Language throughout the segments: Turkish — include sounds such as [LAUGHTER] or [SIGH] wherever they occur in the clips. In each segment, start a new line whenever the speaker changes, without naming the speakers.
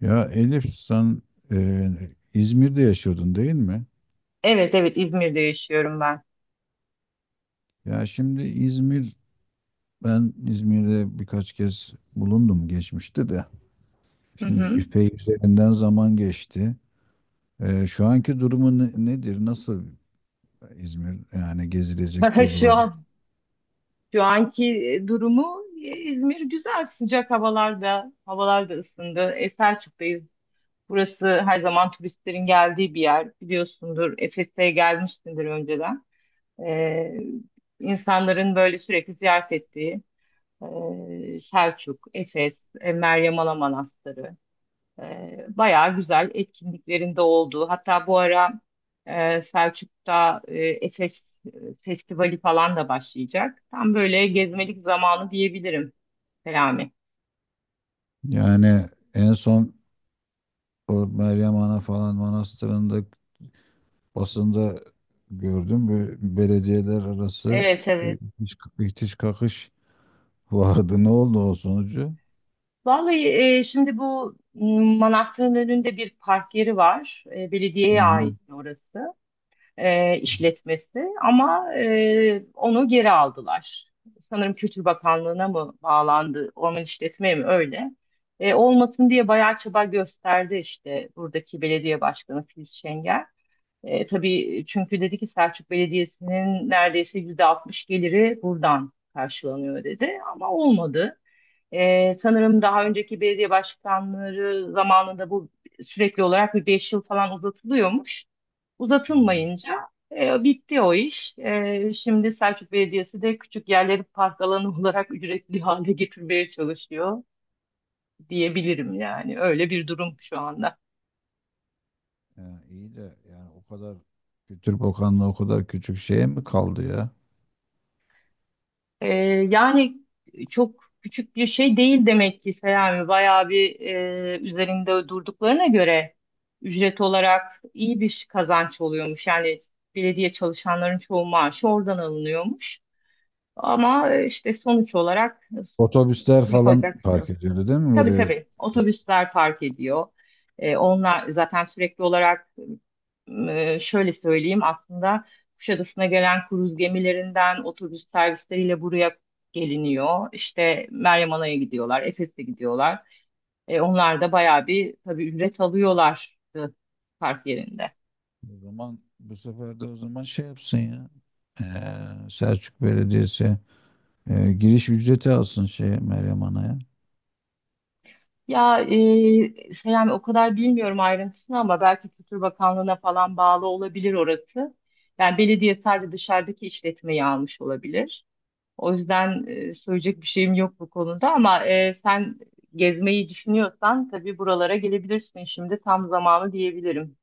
Ya Elif sen e, İzmir'de yaşıyordun değil mi?
Evet, evet, İzmir'de yaşıyorum ben.
Ya şimdi İzmir, ben İzmir'de birkaç kez bulundum geçmişte de.
Hı
Şimdi
hı.
epey üzerinden zaman geçti. Şu anki durumu nedir? Nasıl İzmir? Yani gezilecek,
[LAUGHS] Şu
tozulacak.
an şu anki durumu, İzmir güzel, sıcak havalarda havalar da ısındı. Selçuk'tayız. Burası her zaman turistlerin geldiği bir yer, biliyorsundur. Efes'e gelmişsindir önceden. E, insanların böyle sürekli ziyaret ettiği Selçuk, Efes, Meryem Ana Manastırı. Bayağı güzel etkinliklerinde olduğu. Hatta bu ara Selçuk'ta Efes Festivali falan da başlayacak. Tam böyle gezmelik zamanı diyebilirim Selami.
Yani en son o Meryem Ana falan manastırında basında gördüm. Böyle belediyeler arası
Evet, evet.
ihtiş kakış vardı. Ne oldu o sonucu?
Vallahi şimdi bu manastırın önünde bir park yeri var.
Hı
Belediyeye
hı.
ait orası, işletmesi, ama onu geri aldılar. Sanırım Kültür Bakanlığı'na mı bağlandı, orman işletmeye mi, öyle. Olmasın diye bayağı çaba gösterdi işte buradaki belediye başkanı Filiz Şengel. Tabii, çünkü dedi ki Selçuk Belediyesi'nin neredeyse %60 geliri buradan karşılanıyor dedi, ama olmadı. Sanırım daha önceki belediye başkanları zamanında bu sürekli olarak bir 5 yıl falan uzatılıyormuş.
Yani,
Uzatılmayınca bitti o iş. Şimdi Selçuk Belediyesi de küçük yerleri park alanı [LAUGHS] olarak ücretli hale getirmeye çalışıyor diyebilirim yani. Öyle bir durum şu anda.
yani iyi de yani o kadar Kültür Bakanlığı o kadar küçük şeye mi kaldı ya?
E, Yani çok küçük bir şey değil demek ki Selami. Bayağı bir, üzerinde durduklarına göre ücret olarak iyi bir kazanç oluyormuş. Yani belediye çalışanların çoğu maaşı oradan alınıyormuş. Ama işte sonuç olarak
Otobüsler falan
yapacak şey
park
yok.
ediyordu değil mi
Tabii,
buraya?
tabii.
O
Otobüsler park ediyor. Onlar zaten sürekli olarak, şöyle söyleyeyim aslında, Kuşadası'na gelen kruz gemilerinden otobüs servisleriyle buraya geliniyor. İşte Meryem Ana'ya gidiyorlar, Efes'e gidiyorlar. Onlar da bayağı bir tabii ücret alıyorlar park yerinde.
O zaman bu sefer de o zaman şey yapsın ya. Selçuk Belediyesi giriş ücreti alsın şey Meryem Ana'ya.
Ya Selami, o kadar bilmiyorum ayrıntısını ama belki Kültür Bakanlığı'na falan bağlı olabilir orası. Yani belediye sadece dışarıdaki işletmeyi almış olabilir. O yüzden söyleyecek bir şeyim yok bu konuda, ama sen gezmeyi düşünüyorsan tabii buralara gelebilirsin, şimdi tam zamanı diyebilirim.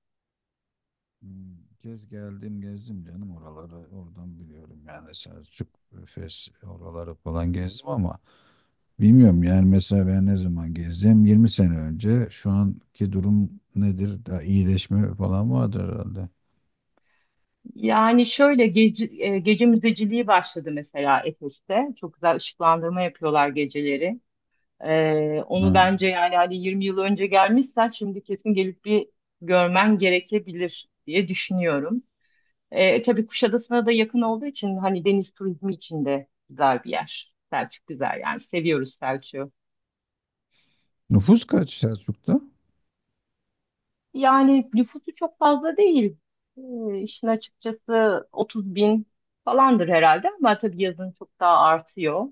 Hmm, Kez geldim gezdim canım oraları oradan biliyorum yani Selçuk Efes oraları falan gezdim ama bilmiyorum yani mesela ben ne zaman gezdim? 20 sene önce. Şu anki durum nedir? Daha iyileşme falan vardır herhalde.
Yani şöyle gece müzeciliği başladı mesela Efes'te. Çok güzel ışıklandırma yapıyorlar geceleri.
Ha.
Onu bence, yani hani 20 yıl önce gelmişsen, şimdi kesin gelip bir görmen gerekebilir diye düşünüyorum. Tabii Kuşadası'na da yakın olduğu için hani deniz turizmi için de güzel bir yer. Selçuk güzel, yani seviyoruz Selçuk'u.
Nüfus kaç Selçuk'ta?
Yani nüfusu çok fazla değil. İşin açıkçası 30 bin falandır herhalde, ama tabii yazın çok daha artıyor.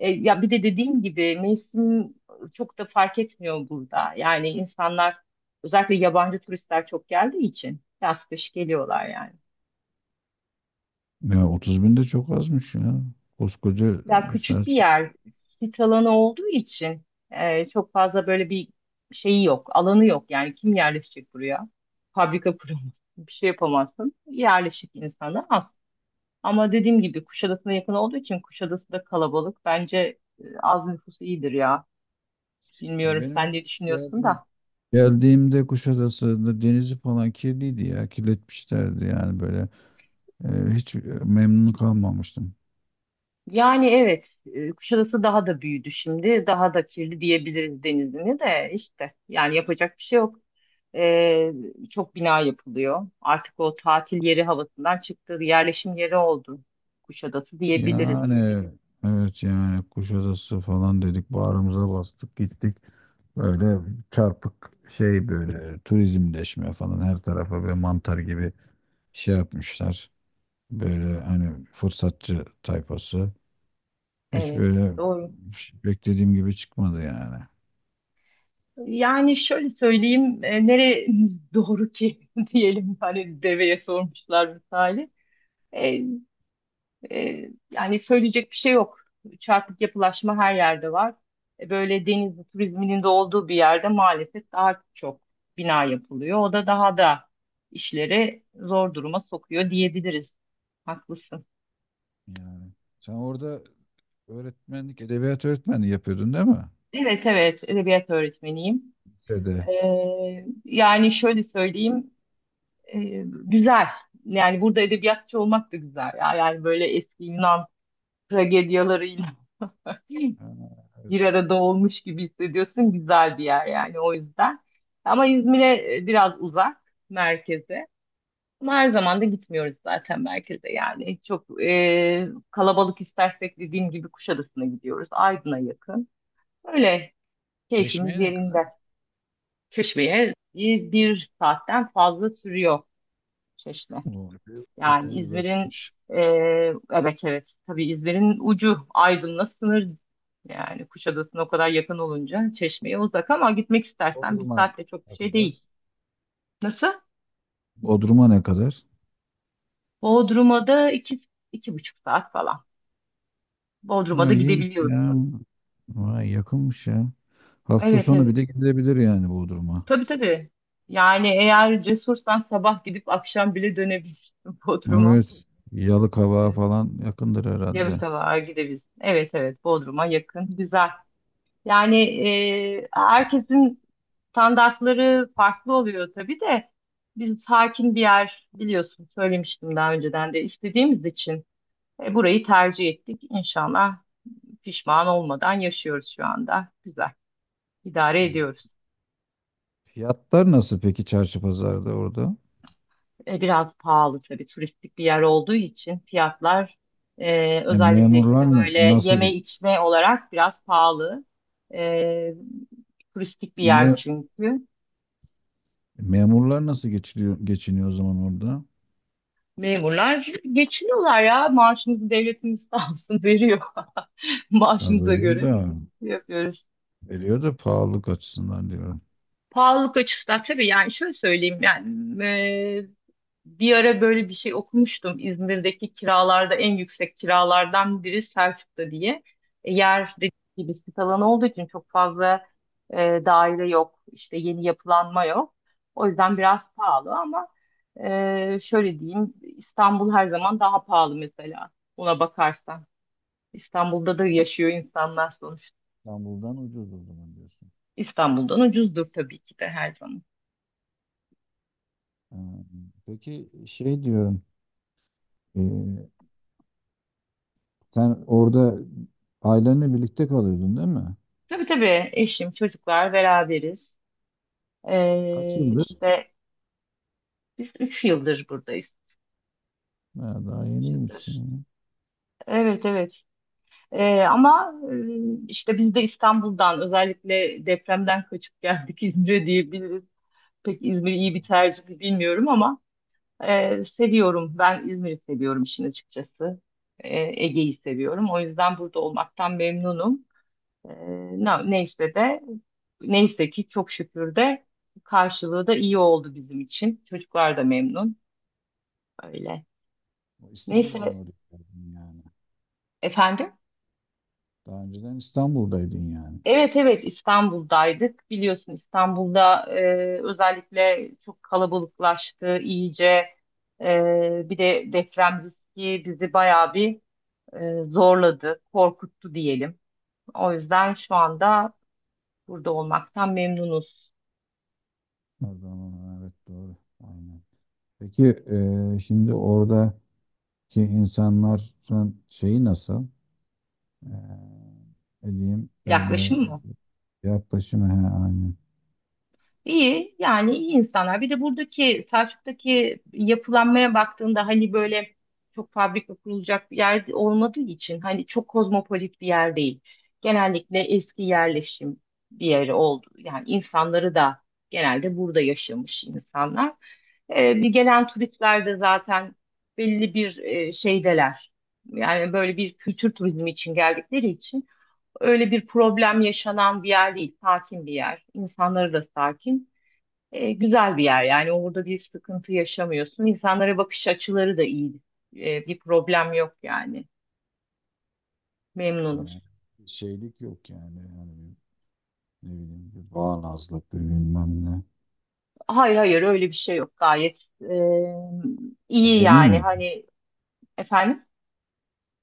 Ya bir de dediğim gibi mevsim çok da fark etmiyor burada. Yani insanlar, özellikle yabancı turistler çok geldiği için, yaz kış geliyorlar yani.
Ya 30 bin de çok azmış ya. Koskoca
Ya küçük bir
Selçuk.
yer, sit alanı olduğu için çok fazla böyle bir şeyi yok, alanı yok. Yani kim yerleşecek buraya? Fabrika [LAUGHS] kuramazsın, bir şey yapamazsın. Yerleşik insanı. Ama dediğim gibi Kuşadası'na yakın olduğu için Kuşadası da kalabalık. Bence az nüfus iyidir ya.
Ya
Bilmiyorum
benim
sen
ya-
ne düşünüyorsun
geldiğim
da.
geldiğimde Kuşadası'nda denizi falan kirliydi ya. Kirletmişlerdi yani böyle. Ee, hiç memnun kalmamıştım.
Yani evet, Kuşadası daha da büyüdü şimdi. Daha da kirli diyebiliriz denizini de işte. Yani yapacak bir şey yok. E, Çok bina yapılıyor. Artık o tatil yeri havasından çıktı. Yerleşim yeri oldu Kuşadası diyebiliriz.
Yani evet yani Kuşadası falan dedik bağrımıza bastık gittik. Böyle çarpık şey böyle turizmleşme falan her tarafa böyle mantar gibi şey yapmışlar. Böyle hani fırsatçı tayfası. Hiç
Evet,
böyle
doğru.
beklediğim gibi çıkmadı yani.
Yani şöyle söyleyeyim, neremiz doğru ki [LAUGHS] diyelim, hani deveye sormuşlar misali. E, Yani söyleyecek bir şey yok. Çarpık yapılaşma her yerde var. Böyle deniz turizminin de olduğu bir yerde maalesef daha çok bina yapılıyor. O da daha da işleri zor duruma sokuyor diyebiliriz. Haklısın.
Yani sen orada öğretmenlik, edebiyat öğretmenliği yapıyordun değil mi?
Evet, evet, edebiyat öğretmeniyim.
Lisede.
E, Yani şöyle söyleyeyim. E, Güzel. Yani burada edebiyatçı olmak da güzel ya. Yani böyle eski Yunan tragedyalarıyla [LAUGHS]
Ha,
bir
evet.
arada olmuş gibi hissediyorsun. Güzel bir yer yani, o yüzden. Ama İzmir'e biraz uzak merkeze. Ama her zaman da gitmiyoruz zaten merkeze yani. Çok kalabalık istersek dediğim gibi Kuşadası'na gidiyoruz. Aydın'a yakın. Öyle, keyfimiz
Çeşmeye ne...
yerinde. Çeşme'ye bir saatten fazla sürüyor Çeşme.
O epey, epey
Yani İzmir'in,
uzakmış.
e, evet evet tabii İzmir'in ucu Aydın'la sınır, yani Kuşadası'na o kadar yakın olunca Çeşme'ye uzak, ama gitmek istersen bir
Bodrum'a
saatte çok bir
ne
şey değil.
kadar?
Nasıl?
Bodrum'a ne kadar?
Bodrum'a da iki, 2,5 saat falan. Bodrum'a
Ha,
da
iyiymiş ya.
gidebiliyorsun.
Vay yakınmış ya. Hafta
Evet,
sonu bir
evet.
de gidilebilir yani Bodrum'a.
Tabii, tabii. Yani eğer cesursan sabah gidip akşam bile dönebilirsin [LAUGHS] Bodrum'a.
Evet. Yalıkavak'a
Evet.
falan yakındır
Yarı
herhalde.
sabaha gidebilirsin. Evet, evet, Bodrum'a yakın. Güzel. Yani herkesin standartları farklı oluyor tabii de, biz hakim bir yer, biliyorsun söylemiştim daha önceden de, istediğimiz için burayı tercih ettik. İnşallah pişman olmadan yaşıyoruz şu anda. Güzel idare
Evet.
ediyoruz.
Fiyatlar nasıl peki çarşı pazarda orada?
Biraz pahalı tabii, turistik bir yer olduğu için fiyatlar,
E,
özellikle
memurlar
işte böyle
nasıl
yeme içme olarak biraz pahalı. E, Turistik bir yer
me-
çünkü.
memurlar nasıl geçiniyor o zaman orada?
Memurlar geçiniyorlar ya. Maaşımızı devletimiz sağ olsun veriyor. [LAUGHS]
Ya
Maaşımıza
veriyor
göre
da
yapıyoruz.
veriyor da pahalılık açısından diyorum.
Pahalılık açısından tabii, yani şöyle söyleyeyim yani. Bir ara böyle bir şey okumuştum. İzmir'deki kiralarda en yüksek kiralardan biri Selçuk'ta diye. Yer dediğim gibi sit alanı olduğu için çok fazla e, daire yok. İşte yeni yapılanma yok. O yüzden biraz pahalı ama şöyle diyeyim, İstanbul her zaman daha pahalı mesela. Buna bakarsan. İstanbul'da da yaşıyor insanlar sonuçta.
İstanbul'dan ucuz o zaman diyorsun.
İstanbul'dan ucuzdur tabii ki de her zaman.
Ee, Peki şey diyorum, ee, sen orada ailenle birlikte kalıyordun değil mi?
Tabii, tabii, eşim, çocuklar beraberiz.
Kaç yıldır?
İşte 3 yıldır buradayız.
Ha, daha
3 yıldır.
yeniymişsin.
Evet, evet. Ama işte biz de İstanbul'dan özellikle depremden kaçıp geldik [LAUGHS] İzmir'e diyebiliriz. Pek İzmir iyi bir tercih mi bilmiyorum ama seviyorum. Ben İzmir'i seviyorum işin açıkçası. E, Ege'yi seviyorum. O yüzden burada olmaktan memnunum. E, Neyse de neyse ki çok şükür de karşılığı da iyi oldu bizim için. Çocuklar da memnun. Öyle.
Ya,
Neyse,
İstanbul'dan oraya geldin yani.
efendim.
Daha önceden İstanbul'daydın yani.
Evet, evet, İstanbul'daydık. Biliyorsun İstanbul'da özellikle çok kalabalıklaştı iyice. Bir de deprem riski bizi bayağı bir, zorladı, korkuttu diyelim. O yüzden şu anda burada olmaktan memnunuz.
O zaman evet doğru. Aynen. Peki şimdi oradaki insanlar şeyi nasıl? Ee, ne diyeyim
Yaklaşım
öyle
mı?
yaklaşımı he, aynen.
İyi, yani iyi insanlar. Bir de buradaki Selçuk'taki yapılanmaya baktığında, hani böyle çok fabrika kurulacak bir yer olmadığı için, hani çok kozmopolit bir yer değil. Genellikle eski yerleşim bir yeri oldu. Yani insanları da genelde burada yaşamış insanlar. Bir gelen turistler de zaten belli bir şeydeler. Yani böyle bir kültür turizmi için geldikleri için öyle bir problem yaşanan bir yer değil. Sakin bir yer. İnsanları da sakin. Güzel bir yer yani, orada bir sıkıntı yaşamıyorsun. İnsanlara bakış açıları da iyi. Bir problem yok yani.
Yani
Memnunuz.
şeylik yok yani. Yani ne bileyim bir bağnazlık bir bilmem ne.
Hayır, hayır, öyle bir şey yok. Gayet iyi,
Medeni
yani
mi?
hani efendim,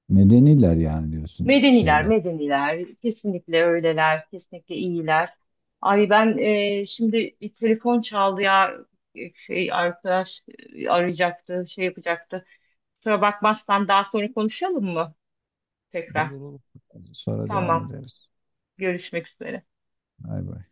Medeniler yani diyorsun
medeniler,
şeyler.
medeniler, kesinlikle öyleler, kesinlikle iyiler. Ay ben, şimdi bir telefon çaldı ya. Şey arkadaş arayacaktı, şey yapacaktı. Kusura bakmazsan daha sonra konuşalım mı tekrar?
Olur olur. Sonra devam
Tamam,
ederiz.
görüşmek üzere.
Bay bay.